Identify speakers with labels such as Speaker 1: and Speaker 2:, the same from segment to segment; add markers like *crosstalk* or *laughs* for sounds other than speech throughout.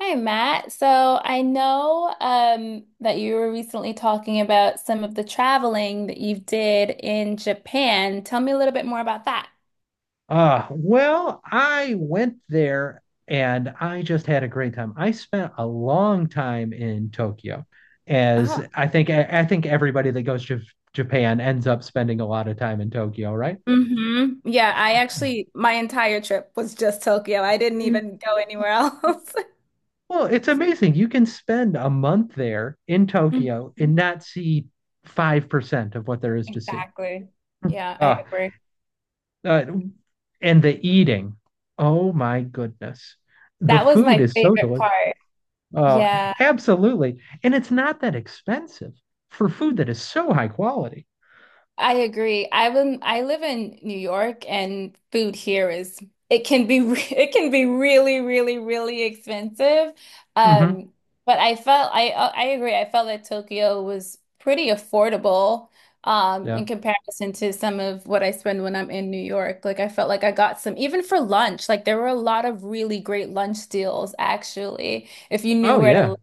Speaker 1: Hi, Matt. So I know that you were recently talking about some of the traveling that you did in Japan. Tell me a little bit more about that.
Speaker 2: I went there and I just had a great time. I spent a long time in Tokyo, as
Speaker 1: Oh,
Speaker 2: I think I think everybody that goes to Japan ends up spending a lot of time in Tokyo, right?
Speaker 1: hmm. Yeah, I actually, my entire trip was just Tokyo. I didn't
Speaker 2: Mm.
Speaker 1: even go anywhere else. *laughs*
Speaker 2: Well, it's amazing. You can spend a month there in Tokyo
Speaker 1: Mhm.
Speaker 2: and not see 5% of what there is to see.
Speaker 1: Exactly. Yeah, I
Speaker 2: Uh,
Speaker 1: agree.
Speaker 2: uh, and the eating. Oh my goodness. The
Speaker 1: That was
Speaker 2: food
Speaker 1: my
Speaker 2: is so
Speaker 1: favorite
Speaker 2: delicious.
Speaker 1: part.
Speaker 2: Oh,
Speaker 1: Yeah.
Speaker 2: absolutely. And it's not that expensive for food that is so high quality.
Speaker 1: I agree. I live in New York and food here is, it can be *laughs* it can be really, really, really expensive.
Speaker 2: Hmm
Speaker 1: Um but I felt I, I agree. I felt that Tokyo was pretty affordable, in
Speaker 2: Yeah.
Speaker 1: comparison to some of what I spend when I'm in New York. Like, I felt like I got some even for lunch. Like, there were a lot of really great lunch deals actually, if you knew
Speaker 2: Oh
Speaker 1: where to
Speaker 2: yeah.
Speaker 1: look.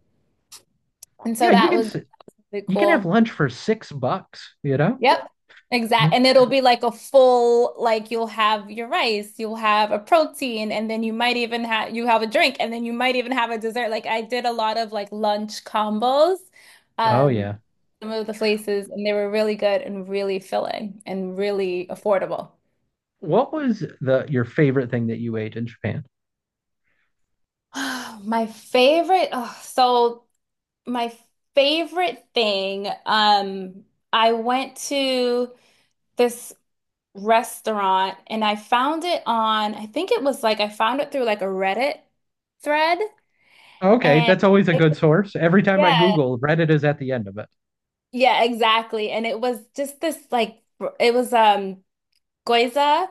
Speaker 1: And
Speaker 2: Yeah,
Speaker 1: so
Speaker 2: you
Speaker 1: that
Speaker 2: can
Speaker 1: was really
Speaker 2: you can have
Speaker 1: cool.
Speaker 2: lunch for six bucks?
Speaker 1: Yep. Exact.
Speaker 2: Mhm.
Speaker 1: And it'll be like a full, like you'll have your rice, you'll have a protein, and then you might even have, you have a drink, and then you might even have a dessert. Like I did a lot of like lunch combos,
Speaker 2: Oh
Speaker 1: um,
Speaker 2: yeah.
Speaker 1: some of the places, and they were really good and really filling and really affordable.
Speaker 2: What was the your favorite thing that you ate in Japan?
Speaker 1: *gasps* *sighs* My favorite, oh, so my favorite thing, I went to this restaurant and I found it on, I think it was like I found it through like a Reddit thread.
Speaker 2: Okay,
Speaker 1: and
Speaker 2: that's always a
Speaker 1: it-
Speaker 2: good source. Every time I
Speaker 1: yeah,
Speaker 2: Google, Reddit is at the end of it.
Speaker 1: yeah, exactly. And it was just this like it was gyoza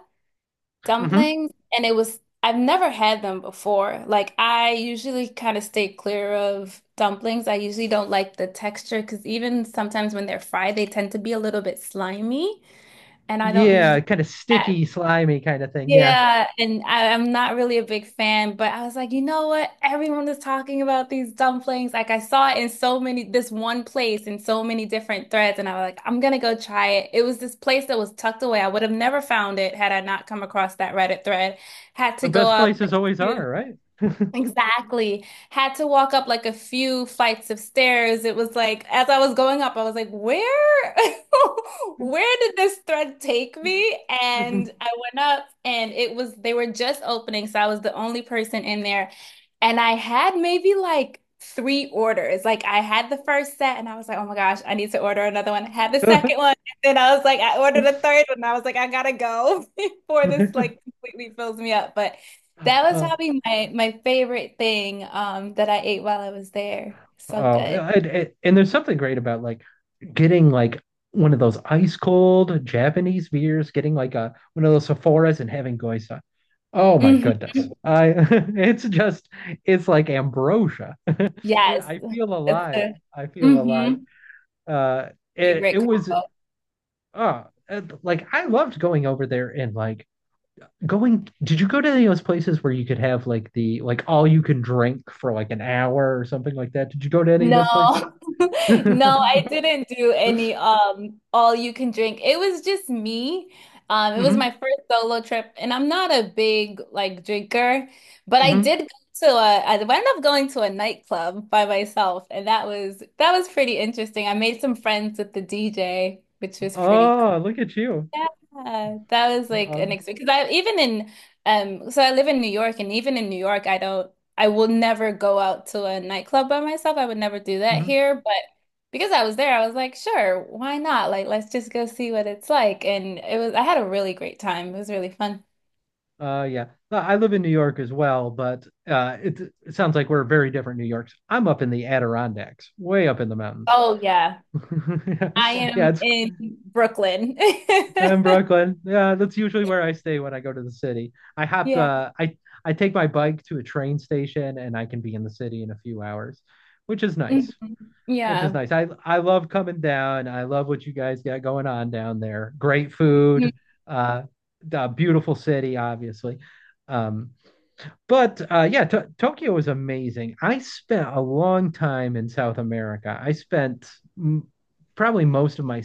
Speaker 2: Hmm
Speaker 1: dumplings, and it was, I've never had them before. Like, I usually kind of stay clear of dumplings. I usually don't like the texture because even sometimes when they're fried, they tend to be a little bit slimy and I don't
Speaker 2: Yeah,
Speaker 1: usually.
Speaker 2: kind of sticky, slimy kind of thing. Yeah.
Speaker 1: Yeah, and I'm not really a big fan, but I was like, you know what? Everyone is talking about these dumplings. Like I saw it in so many, this one place in so many different threads, and I was like, I'm gonna go try it. It was this place that was tucked away. I would have never found it had I not come across that Reddit thread. Had
Speaker 2: The
Speaker 1: to go
Speaker 2: best
Speaker 1: up like
Speaker 2: places
Speaker 1: a
Speaker 2: always
Speaker 1: few.
Speaker 2: are, right?
Speaker 1: Exactly. Had to walk up like a few flights of stairs. It was like, as I was going up, I was like, where, *laughs* where did this thread take me? And I went up and it was, they were just opening. So I was the only person in there. And I had maybe like three orders. Like I had the first set and I was like, oh my gosh, I need to order another one. I had the second
Speaker 2: *laughs*
Speaker 1: one. And then I was like, I ordered a third one. I was like, I gotta go *laughs* before this like
Speaker 2: *laughs*
Speaker 1: completely fills me up. But that was
Speaker 2: Uh,
Speaker 1: probably my favorite thing that I ate while I was there. So
Speaker 2: oh,
Speaker 1: good.
Speaker 2: and there's something great about like getting like one of those ice cold Japanese beers, getting like a one of those Sephoras and having goisa. Oh my goodness.
Speaker 1: Hmm.
Speaker 2: I *laughs* it's just it's like ambrosia.
Speaker 1: Yes.
Speaker 2: I feel
Speaker 1: It's
Speaker 2: alive.
Speaker 1: a,
Speaker 2: I feel alive.
Speaker 1: mhm,
Speaker 2: Uh
Speaker 1: a
Speaker 2: it
Speaker 1: great
Speaker 2: was
Speaker 1: combo.
Speaker 2: uh like I loved going over there, and like going did you go to any of those places where you could have like the like all you can drink for like an hour or something like that? Did you go to any of
Speaker 1: No,
Speaker 2: those places?
Speaker 1: *laughs* no, I didn't do any
Speaker 2: *laughs*
Speaker 1: all you can drink. It was just me. It was
Speaker 2: Mm-hmm.
Speaker 1: my first solo trip, and I'm not a big like drinker, but I
Speaker 2: Mm-hmm.
Speaker 1: did go to a, I ended up going to a nightclub by myself, and that was pretty interesting. I made some friends with the DJ, which was pretty,
Speaker 2: Oh, look at you.
Speaker 1: yeah, that was like an
Speaker 2: Um,
Speaker 1: experience. Because I even in, so I live in New York, and even in New York, I don't, I will never go out to a nightclub by myself. I would never do that
Speaker 2: mhm.
Speaker 1: here, but because I was there, I was like, sure, why not? Like, let's just go see what it's like. And it was, I had a really great time. It was really fun.
Speaker 2: Yeah. No, I live in New York as well, but it sounds like we're very different New Yorks. I'm up in the Adirondacks, way up in the mountains. *laughs*
Speaker 1: Oh yeah,
Speaker 2: Yeah,
Speaker 1: I
Speaker 2: yeah,
Speaker 1: am
Speaker 2: it's
Speaker 1: in Brooklyn.
Speaker 2: I'm
Speaker 1: *laughs*
Speaker 2: Brooklyn. Yeah, that's usually where I stay when I go to the city. I hop
Speaker 1: Yeah.
Speaker 2: I take my bike to a train station and I can be in the city in a few hours, which is
Speaker 1: Mhm.
Speaker 2: nice. Which is
Speaker 1: Yeah.
Speaker 2: nice. I love coming down. I love what you guys got going on down there. Great
Speaker 1: Mm.
Speaker 2: food, uh, the beautiful city, obviously. Um, but yeah, Tokyo is amazing. I spent a long time in South America. I spent m- probably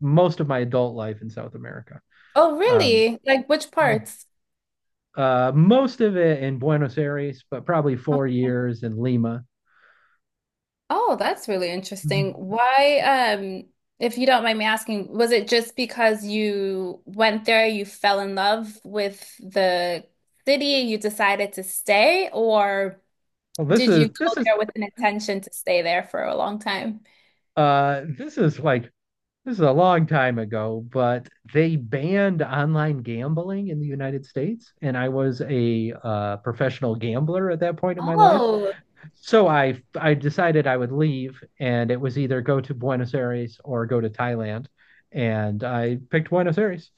Speaker 2: most of my adult life in South America.
Speaker 1: Oh,
Speaker 2: Um,
Speaker 1: really? Like which parts?
Speaker 2: most of it in Buenos Aires, but probably 4 years in Lima.
Speaker 1: Oh, that's really interesting. Why, if you don't mind me asking, was it just because you went there, you fell in love with the city, you decided to stay, or
Speaker 2: Well, this
Speaker 1: did
Speaker 2: is
Speaker 1: you go
Speaker 2: this is
Speaker 1: there with an intention to stay there for a long time?
Speaker 2: this is like this is a long time ago, but they banned online gambling in the United States, and I was a professional gambler at that point in my life.
Speaker 1: Oh,
Speaker 2: So I decided I would leave, and it was either go to Buenos Aires or go to Thailand, and I picked Buenos Aires,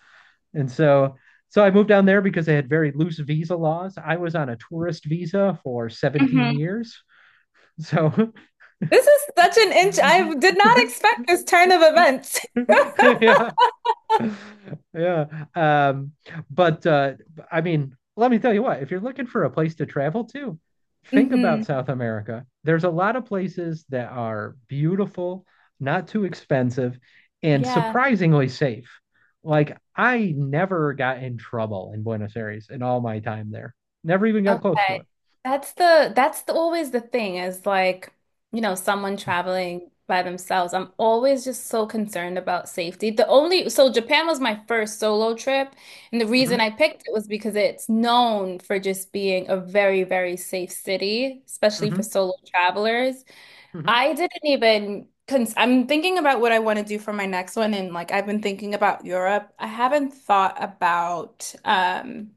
Speaker 2: and so. So I moved down there because they had very loose visa laws. I was on a tourist visa for 17
Speaker 1: mhm.
Speaker 2: years. So
Speaker 1: This is such an inch. I did not
Speaker 2: *laughs*
Speaker 1: expect this turn of events.
Speaker 2: *laughs* yeah, *laughs* yeah. Um, but I mean, let me tell you what, if you're looking for a place to travel to,
Speaker 1: *laughs*
Speaker 2: think
Speaker 1: Hmm.
Speaker 2: about South America. There's a lot of places that are beautiful, not too expensive, and
Speaker 1: Yeah.
Speaker 2: surprisingly safe. Like, I never got in trouble in Buenos Aires in all my time there. Never even got close to
Speaker 1: Okay.
Speaker 2: it.
Speaker 1: That's the, always the thing is like, you know, someone traveling by themselves. I'm always just so concerned about safety. The only, so Japan was my first solo trip, and the reason I
Speaker 2: Hmm
Speaker 1: picked it was because it's known for just being a very, very safe city, especially
Speaker 2: hmm
Speaker 1: for solo travelers. I didn't even cons, I'm thinking about what I want to do for my next one, and like I've been thinking about Europe. I haven't thought about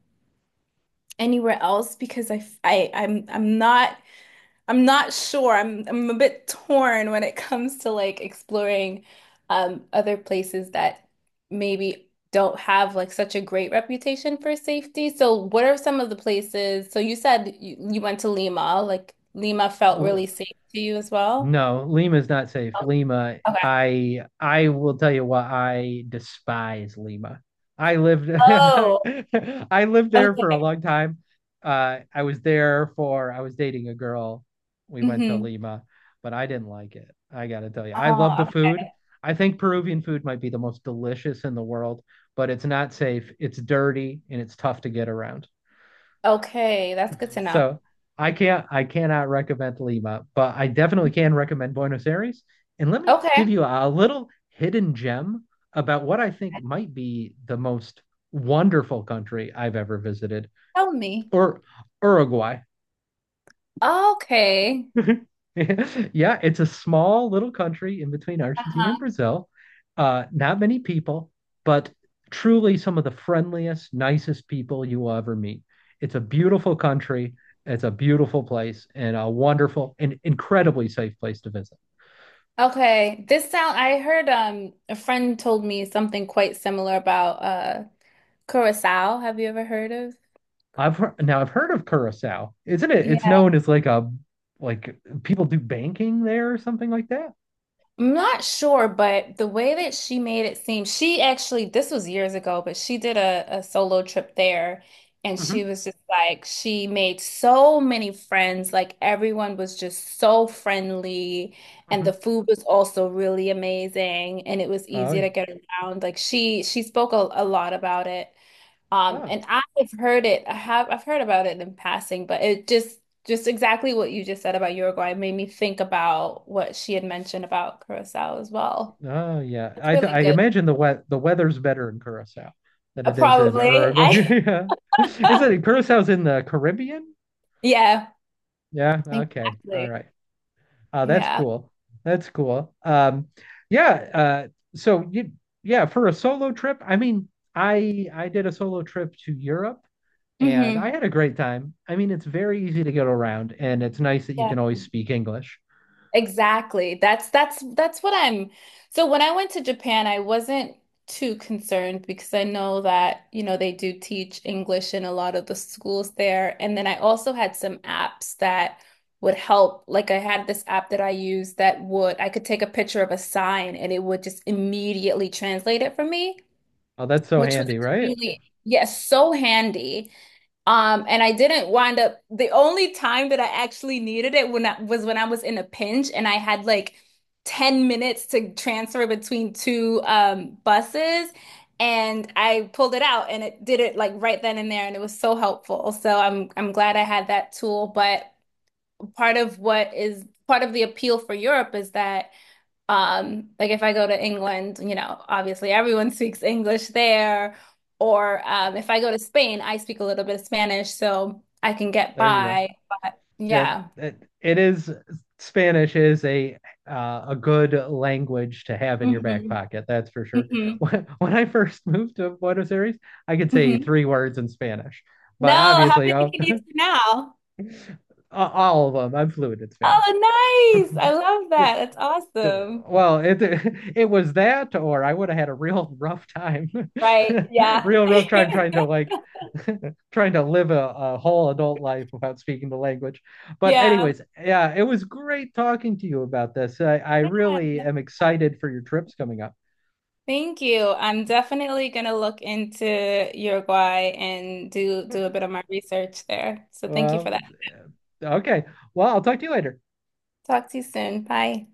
Speaker 1: anywhere else because I am I, f- I I'm not sure. I'm a bit torn when it comes to like exploring other places that maybe don't have like such a great reputation for safety. So what are some of the places? So you said you went to Lima, like Lima felt really
Speaker 2: hmm
Speaker 1: safe to you as well.
Speaker 2: No, Lima is not safe.
Speaker 1: Oh.
Speaker 2: Lima,
Speaker 1: Okay.
Speaker 2: I will tell you why I despise Lima. I lived
Speaker 1: Oh,
Speaker 2: *laughs* I lived there for a
Speaker 1: okay.
Speaker 2: long time. I was there for I was dating a girl. We went to
Speaker 1: Mm-hmm.
Speaker 2: Lima, but I didn't like it. I gotta tell you, I love
Speaker 1: Oh,
Speaker 2: the
Speaker 1: okay.
Speaker 2: food. I think Peruvian food might be the most delicious in the world, but it's not safe. It's dirty and it's tough to get around.
Speaker 1: Okay, that's good to know.
Speaker 2: So I cannot recommend Lima, but I definitely can recommend Buenos Aires. And let me give
Speaker 1: Okay,
Speaker 2: you a little hidden gem about what I think might be the most wonderful country I've ever visited,
Speaker 1: tell me.
Speaker 2: or Uruguay.
Speaker 1: Okay.
Speaker 2: *laughs* Yeah, it's a small little country in between Argentina and
Speaker 1: Uh-huh.
Speaker 2: Brazil. Not many people, but truly some of the friendliest, nicest people you will ever meet. It's a beautiful country. It's a beautiful place and a wonderful and incredibly safe place to visit.
Speaker 1: Okay, this sound, I heard a friend told me something quite similar about Curacao. Have you ever heard of?
Speaker 2: Now I've heard of Curacao, isn't it? It's
Speaker 1: Yeah,
Speaker 2: known as like a like people do banking there or something like that.
Speaker 1: I'm not sure, but the way that she made it seem, she actually, this was years ago, but she did a solo trip there and she
Speaker 2: Hmm
Speaker 1: was just like, she made so many friends, like everyone was just so friendly and the
Speaker 2: hmm
Speaker 1: food was also really amazing and it was
Speaker 2: Oh
Speaker 1: easy
Speaker 2: yeah.
Speaker 1: to get around. Like she spoke a lot about it.
Speaker 2: Ah.
Speaker 1: And I've heard it. I have, I've heard about it in passing, but it just exactly what you just said about Uruguay made me think about what she had mentioned about Curacao as well.
Speaker 2: Oh yeah,
Speaker 1: That's really
Speaker 2: I
Speaker 1: good.
Speaker 2: imagine the weather's better in Curacao than it is in
Speaker 1: Probably. *laughs*
Speaker 2: Uruguay.
Speaker 1: I,
Speaker 2: *laughs* Yeah, is
Speaker 1: *laughs*
Speaker 2: it Curacao's in the Caribbean?
Speaker 1: yeah,
Speaker 2: Yeah. Okay. All
Speaker 1: exactly.
Speaker 2: right. That's
Speaker 1: Yeah.
Speaker 2: cool. That's cool. Yeah. So you yeah, for a solo trip. I mean, I did a solo trip to Europe and
Speaker 1: Hmm.
Speaker 2: I had a great time. I mean, it's very easy to get around, and it's nice that you can always speak English.
Speaker 1: Exactly. That's what I'm. So when I went to Japan, I wasn't too concerned because I know that, you know, they do teach English in a lot of the schools there. And then I also had some apps that would help. Like I had this app that I used that would, I could take a picture of a sign and it would just immediately translate it for me,
Speaker 2: Oh, that's so
Speaker 1: which was
Speaker 2: handy, right?
Speaker 1: extremely, yes, so handy. And I didn't wind up, the only time that I actually needed it, when I was in a pinch and I had like 10 minutes to transfer between two buses and I pulled it out and it did it like right then and there and it was so helpful. So I'm glad I had that tool, but part of what is, part of the appeal for Europe is that like if I go to England, you know, obviously everyone *laughs* speaks English there. Or if I go to Spain, I speak a little bit of Spanish, so I can get
Speaker 2: There you go.
Speaker 1: by. But
Speaker 2: Yeah,
Speaker 1: yeah.
Speaker 2: it is Spanish is a good language to have in your back
Speaker 1: Hmm.
Speaker 2: pocket. That's for sure. *laughs*
Speaker 1: Hmm.
Speaker 2: When I first moved to Buenos Aires, I could say
Speaker 1: Hmm.
Speaker 2: 3 words in Spanish,
Speaker 1: No,
Speaker 2: but
Speaker 1: how
Speaker 2: obviously
Speaker 1: many can you do now?
Speaker 2: all of them, I'm fluent in Spanish. *laughs*
Speaker 1: Oh, nice. I love that. That's awesome.
Speaker 2: Well, it was that, or I would have had a real rough time, *laughs*
Speaker 1: Right. Yeah.
Speaker 2: real rough time trying
Speaker 1: *laughs*
Speaker 2: to like *laughs* trying to live a whole adult life without speaking the language. But
Speaker 1: Yeah.
Speaker 2: anyways, yeah, it was great talking to you about this. I really am excited for your trips coming up.
Speaker 1: Thank you. I'm definitely gonna look into Uruguay and do a bit of my research there. So thank you for
Speaker 2: Well,
Speaker 1: that.
Speaker 2: okay. Well, I'll talk to you later.
Speaker 1: Talk to you soon. Bye.